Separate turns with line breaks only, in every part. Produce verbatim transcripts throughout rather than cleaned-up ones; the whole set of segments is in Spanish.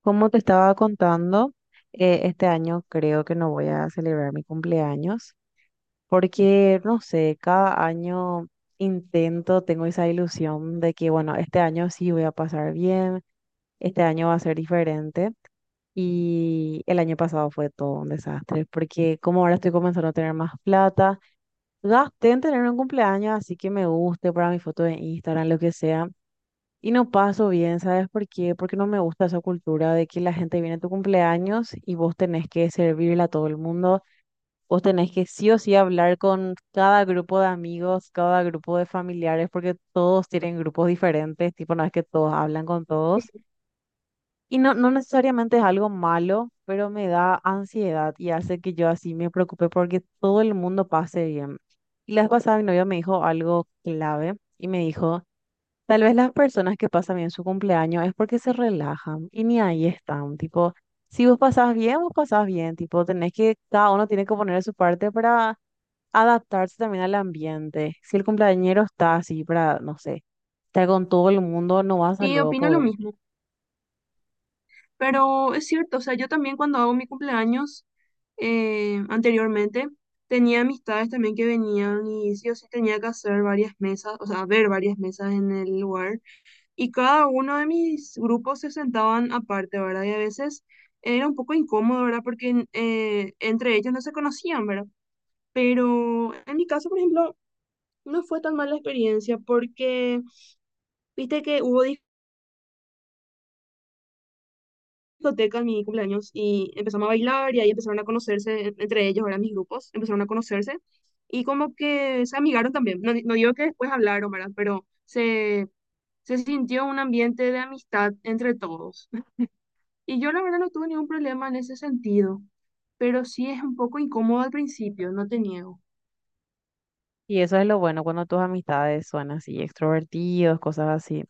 Como te estaba contando, eh, este año creo que no voy a celebrar mi cumpleaños porque, no sé, cada año intento, tengo esa ilusión de que, bueno, este año sí voy a pasar bien, este año va a ser diferente y el año pasado fue todo un desastre porque como ahora estoy comenzando a tener más plata, gasté en tener un cumpleaños, así que me guste para mi foto de Instagram, lo que sea y no paso bien. ¿Sabes por qué? Porque no me gusta esa cultura de que la gente viene a tu cumpleaños y vos tenés que servirle a todo el mundo, vos tenés que sí o sí hablar con cada grupo de amigos, cada grupo de familiares, porque todos tienen grupos diferentes, tipo, no es que todos hablan con todos. Y no, no necesariamente es algo malo, pero me da ansiedad y hace que yo así me preocupe porque todo el mundo pase bien. Y la vez pasada mi novio me dijo algo clave y me dijo... Tal vez las personas que pasan bien su cumpleaños es porque se relajan y ni ahí están. Tipo, si vos pasás bien, vos pasás bien. Tipo, tenés que, cada uno tiene que poner de su parte para adaptarse también al ambiente. Si el cumpleañero está así para, no sé, estar con todo el mundo, no vas a
Sí,
luego
opino lo
poder.
mismo, pero es cierto, o sea, yo también cuando hago mi cumpleaños eh, anteriormente tenía amistades también que venían y sí o sí tenía que hacer varias mesas, o sea, ver varias mesas en el lugar y cada uno de mis grupos se sentaban aparte, ¿verdad? Y a veces era un poco incómodo, ¿verdad? Porque eh, entre ellos no se conocían, ¿verdad? Pero en mi caso, por ejemplo, no fue tan mala experiencia porque viste que hubo discoteca en mi cumpleaños y empezamos a bailar y ahí empezaron a conocerse en- entre ellos, eran mis grupos, empezaron a conocerse y como que se amigaron también. No, di- no digo que después hablaron, ¿verdad? Pero se, se sintió un ambiente de amistad entre todos. Y yo la verdad no tuve ningún problema en ese sentido, pero sí es un poco incómodo al principio, no te niego.
Y eso es lo bueno cuando tus amistades son así, extrovertidos, cosas así.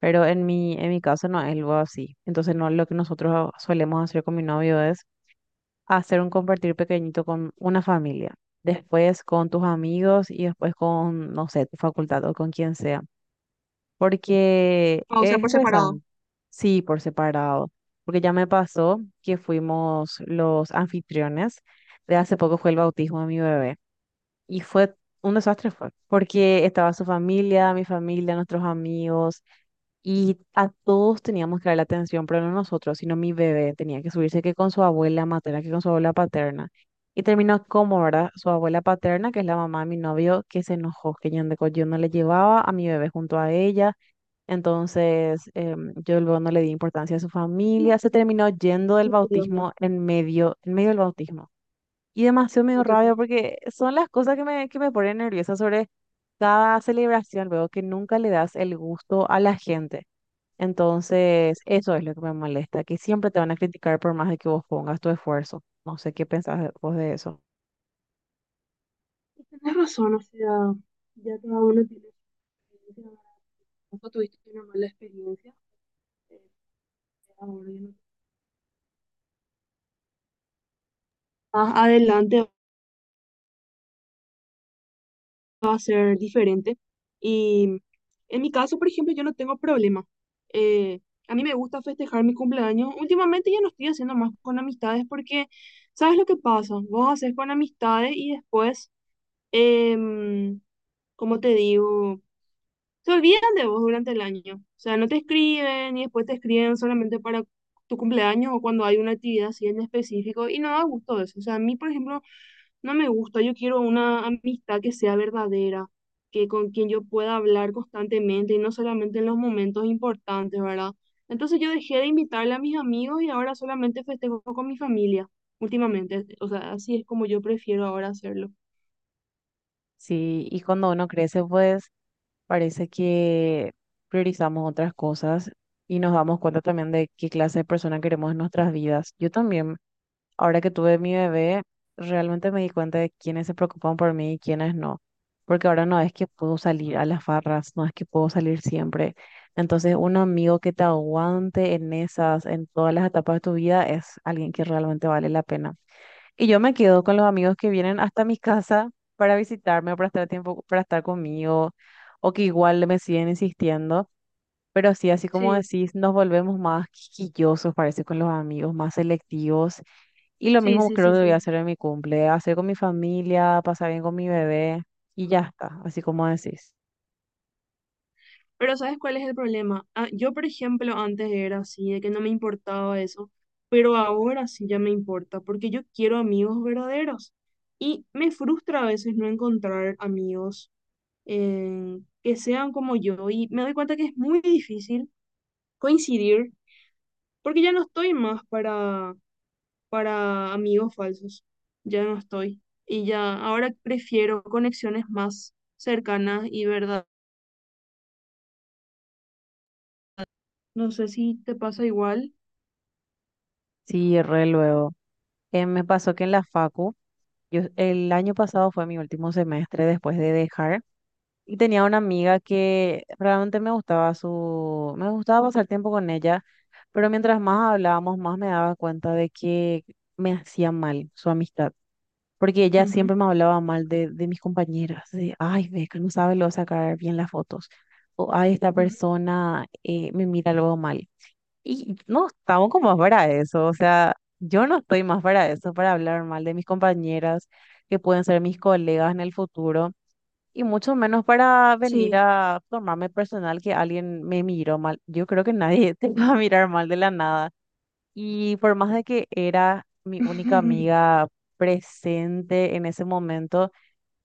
Pero en mi, en mi caso no es algo así. Entonces, no, lo que nosotros solemos hacer con mi novio es hacer un compartir pequeñito con una familia, después con tus amigos y después con, no sé, tu facultad o con quien sea, porque
Ah, o sea,
es
por separado.
estresante, sí, por separado, porque ya me pasó que fuimos los anfitriones, de hace poco fue el bautismo de mi bebé y fue un desastre, fue, porque estaba su familia, mi familia, nuestros amigos. Y a todos teníamos que dar la atención, pero no nosotros, sino mi bebé. Tenía que subirse que con su abuela materna, que con su abuela paterna. Y terminó como, ¿verdad? Su abuela paterna, que es la mamá de mi novio, que se enojó, que yo, no- yo no le llevaba a mi bebé junto a ella. Entonces, em, yo luego no le di importancia a su familia. Se terminó yendo del
Ay, Dios mío,
bautismo en medio, en medio del bautismo. Y demasiado me dio
no te puedo.
rabia
creer.
porque son las cosas que me, que me ponen nerviosa sobre cada celebración, luego que nunca le das el gusto a la gente. Entonces, eso es lo que me molesta, que siempre te van a criticar por más de que vos pongas tu esfuerzo. No sé qué pensás vos de eso.
Tienes razón, o sea, ya cada uno tiene su experiencia, ¿verdad? Vos tuviste una mala experiencia. Ahora ya no- Más adelante va a ser diferente. Y en mi caso, por ejemplo, yo no tengo problema. Eh, a mí me gusta festejar mi cumpleaños. Últimamente ya no estoy haciendo más con amistades porque, ¿sabes lo que pasa? Vos haces con amistades y después, em, ¿cómo te digo? Se olvidan de vos durante el año. O sea, no te escriben y después te escriben solamente para tu cumpleaños o cuando hay una actividad así en específico y no da gusto eso. O sea, a mí, por ejemplo, no me gusta. Yo quiero una amistad que sea verdadera, que con quien yo pueda hablar constantemente y no solamente en los momentos importantes, ¿verdad? Entonces yo dejé de invitarle a mis amigos y ahora solamente festejo con mi familia últimamente. O sea, así es como yo prefiero ahora hacerlo.
Sí, y cuando uno crece, pues parece que priorizamos otras cosas y nos damos cuenta también de qué clase de persona queremos en nuestras vidas. Yo también ahora que tuve mi bebé, realmente me di cuenta de quiénes se preocupan por mí y quiénes no. Porque ahora no es que puedo salir a las farras, no es que puedo salir siempre. Entonces, un amigo que te aguante en esas, en todas las etapas de tu vida, es alguien que realmente vale la pena. Y yo me quedo con los amigos que vienen hasta mi casa para visitarme o para estar tiempo, para estar conmigo, o que igual me siguen insistiendo. Pero sí, así como
Sí,
decís, nos volvemos más quisquillosos, parece, con los amigos, más selectivos y lo
sí,
mismo
sí,
creo
sí,
que voy a
sí.
hacer en mi cumple, hacer con mi familia, pasar bien con mi bebé y ya está, así como decir.
Pero ¿sabes cuál es el problema? Ah, yo, por ejemplo, antes era así, de que no me importaba eso, pero ahora sí ya me importa, porque yo quiero amigos verdaderos. Y me frustra a veces no encontrar amigos eh, que sean como yo. Y me doy cuenta que es muy difícil coincidir, porque ya no estoy más para, para amigos falsos. Ya no estoy. Y ya, ahora prefiero conexiones más cercanas y verdad. No sé si te pasa igual.
Sí, re luego. Eh, me pasó que en la facu, yo, el año pasado fue mi último semestre después de dejar y tenía una amiga que realmente me gustaba su, me gustaba pasar tiempo con ella, pero mientras más hablábamos, más me daba cuenta de que me hacía mal su amistad. Porque ella siempre me hablaba mal de, de mis compañeras, de, ay, ve que no sabe luego sacar bien las fotos, o, ay, esta
Ujú.
persona eh, me mira luego mal. Y no estamos como más para eso, o sea, yo no estoy más para eso, para hablar mal de mis compañeras, que pueden ser mis colegas en el futuro, y mucho menos para venir
Sí,
a tomarme personal que alguien me miró mal. Yo creo que nadie te va a mirar mal de la nada. Y por más de que era mi única amiga presente en ese momento,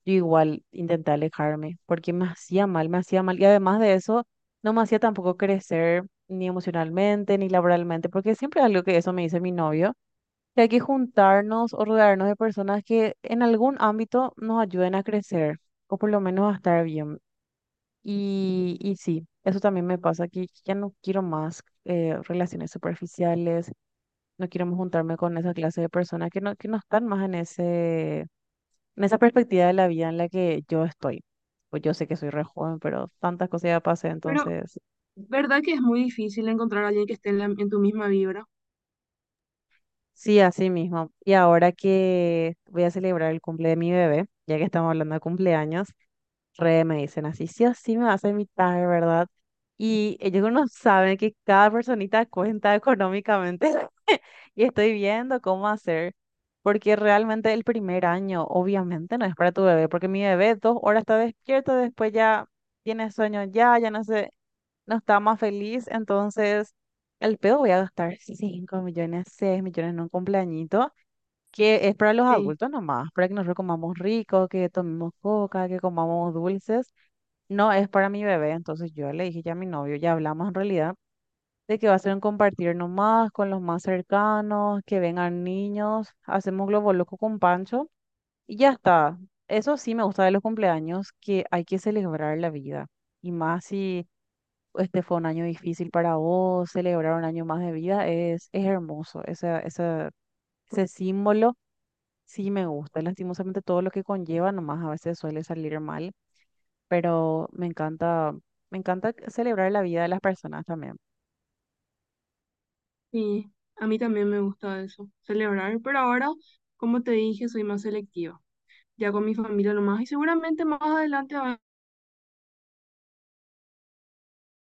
yo igual intenté alejarme porque me hacía mal, me hacía mal. Y además de eso, no me hacía tampoco crecer ni emocionalmente ni laboralmente, porque siempre algo que eso me dice mi novio, que hay que juntarnos o rodearnos de personas que en algún ámbito nos ayuden a crecer o por lo menos a estar bien. Y, y sí, eso también me pasa, que ya no quiero más eh, relaciones superficiales, no quiero más juntarme con esa clase de personas que no, que no están más en ese, en esa perspectiva de la vida en la que yo estoy. Pues yo sé que soy re joven, pero tantas cosas ya pasé,
pero
entonces
verdad que es muy difícil encontrar a alguien que esté en, la- en tu misma vibra.
sí, así mismo. Y ahora que voy a celebrar el cumple de mi bebé, ya que estamos hablando de cumpleaños, re me dicen así, sí o sí me vas a invitar, ¿verdad? Y ellos no saben que cada personita cuenta económicamente. Y estoy viendo cómo hacer, porque realmente el primer año obviamente no es para tu bebé, porque mi bebé dos horas está despierto, después ya tiene sueño, ya, ya no sé, no está más feliz, entonces el pedo voy a gastar cinco millones, seis millones en un cumpleañito, que es para los
Sí,
adultos nomás, para que nosotros comamos rico, que tomemos coca, que comamos dulces, no es para mi bebé. Entonces yo le dije ya a mi novio, ya hablamos en realidad de que va a ser un compartir nomás con los más cercanos, que vengan niños, hacemos globo loco con Pancho y ya está. Eso sí me gusta de los cumpleaños, que hay que celebrar la vida. Y más si este fue un año difícil para vos, celebrar un año más de vida es, es hermoso. Ese, ese, ese símbolo sí me gusta. Lastimosamente todo lo que conlleva nomás a veces suele salir mal, pero me encanta, me encanta celebrar la vida de las personas también.
sí, a mí también me gusta eso, celebrar, pero ahora, como te dije, soy más selectiva, ya con mi familia nomás, y seguramente más adelante va-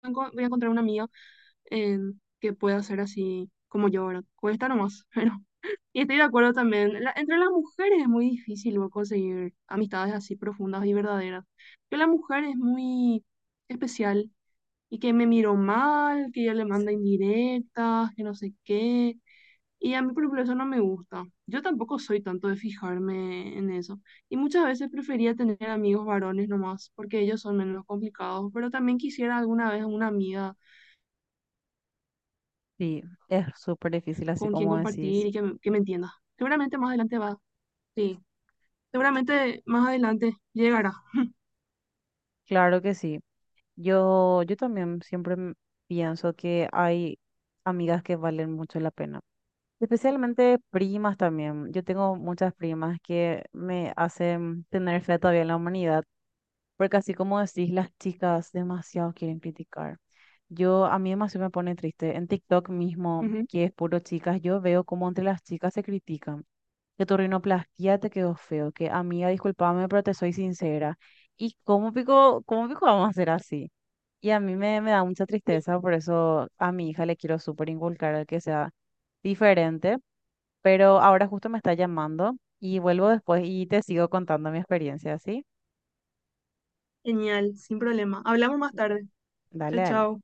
enco- voy a encontrar una amiga en que pueda ser así como yo, ¿verdad? Cuesta nomás, pero... Y estoy de acuerdo también, la- entre las mujeres es muy difícil luego conseguir amistades así profundas y verdaderas, que la mujer es muy especial y que me miró mal, que ella le manda indirectas, que no sé qué. Y a mí, por ejemplo, eso no me gusta. Yo tampoco soy tanto de fijarme en eso. Y muchas veces prefería tener amigos varones nomás, porque ellos son menos complicados, pero también quisiera alguna vez una amiga
Sí, es súper difícil, así
con quien
como decís.
compartir y que me, que me entienda. Seguramente más adelante va. Sí, seguramente más adelante llegará.
Claro que sí. Yo, yo también siempre m- pienso que hay amigas que valen mucho la pena. Especialmente primas también. Yo tengo muchas primas que me hacen tener fe todavía en la humanidad, porque así como decís, las chicas demasiado quieren criticar. Yo, a mí demasiado me pone triste. En TikTok mismo,
Ujú.
que es puro chicas, yo veo cómo entre las chicas se critican, que tu rinoplastia te quedó feo, que amiga, discúlpame, pero te soy sincera. ¿Y cómo pico, cómo pico vamos a hacer así? Y a mí me, me da mucha
Sí.
tristeza, por eso a mi hija le quiero súper inculcar el que sea diferente, pero ahora justo me está llamando y vuelvo después y te sigo contando mi experiencia, ¿sí?
Genial, sin problema. Hablamos más tarde.
Dale,
Chao,
dale.
chao.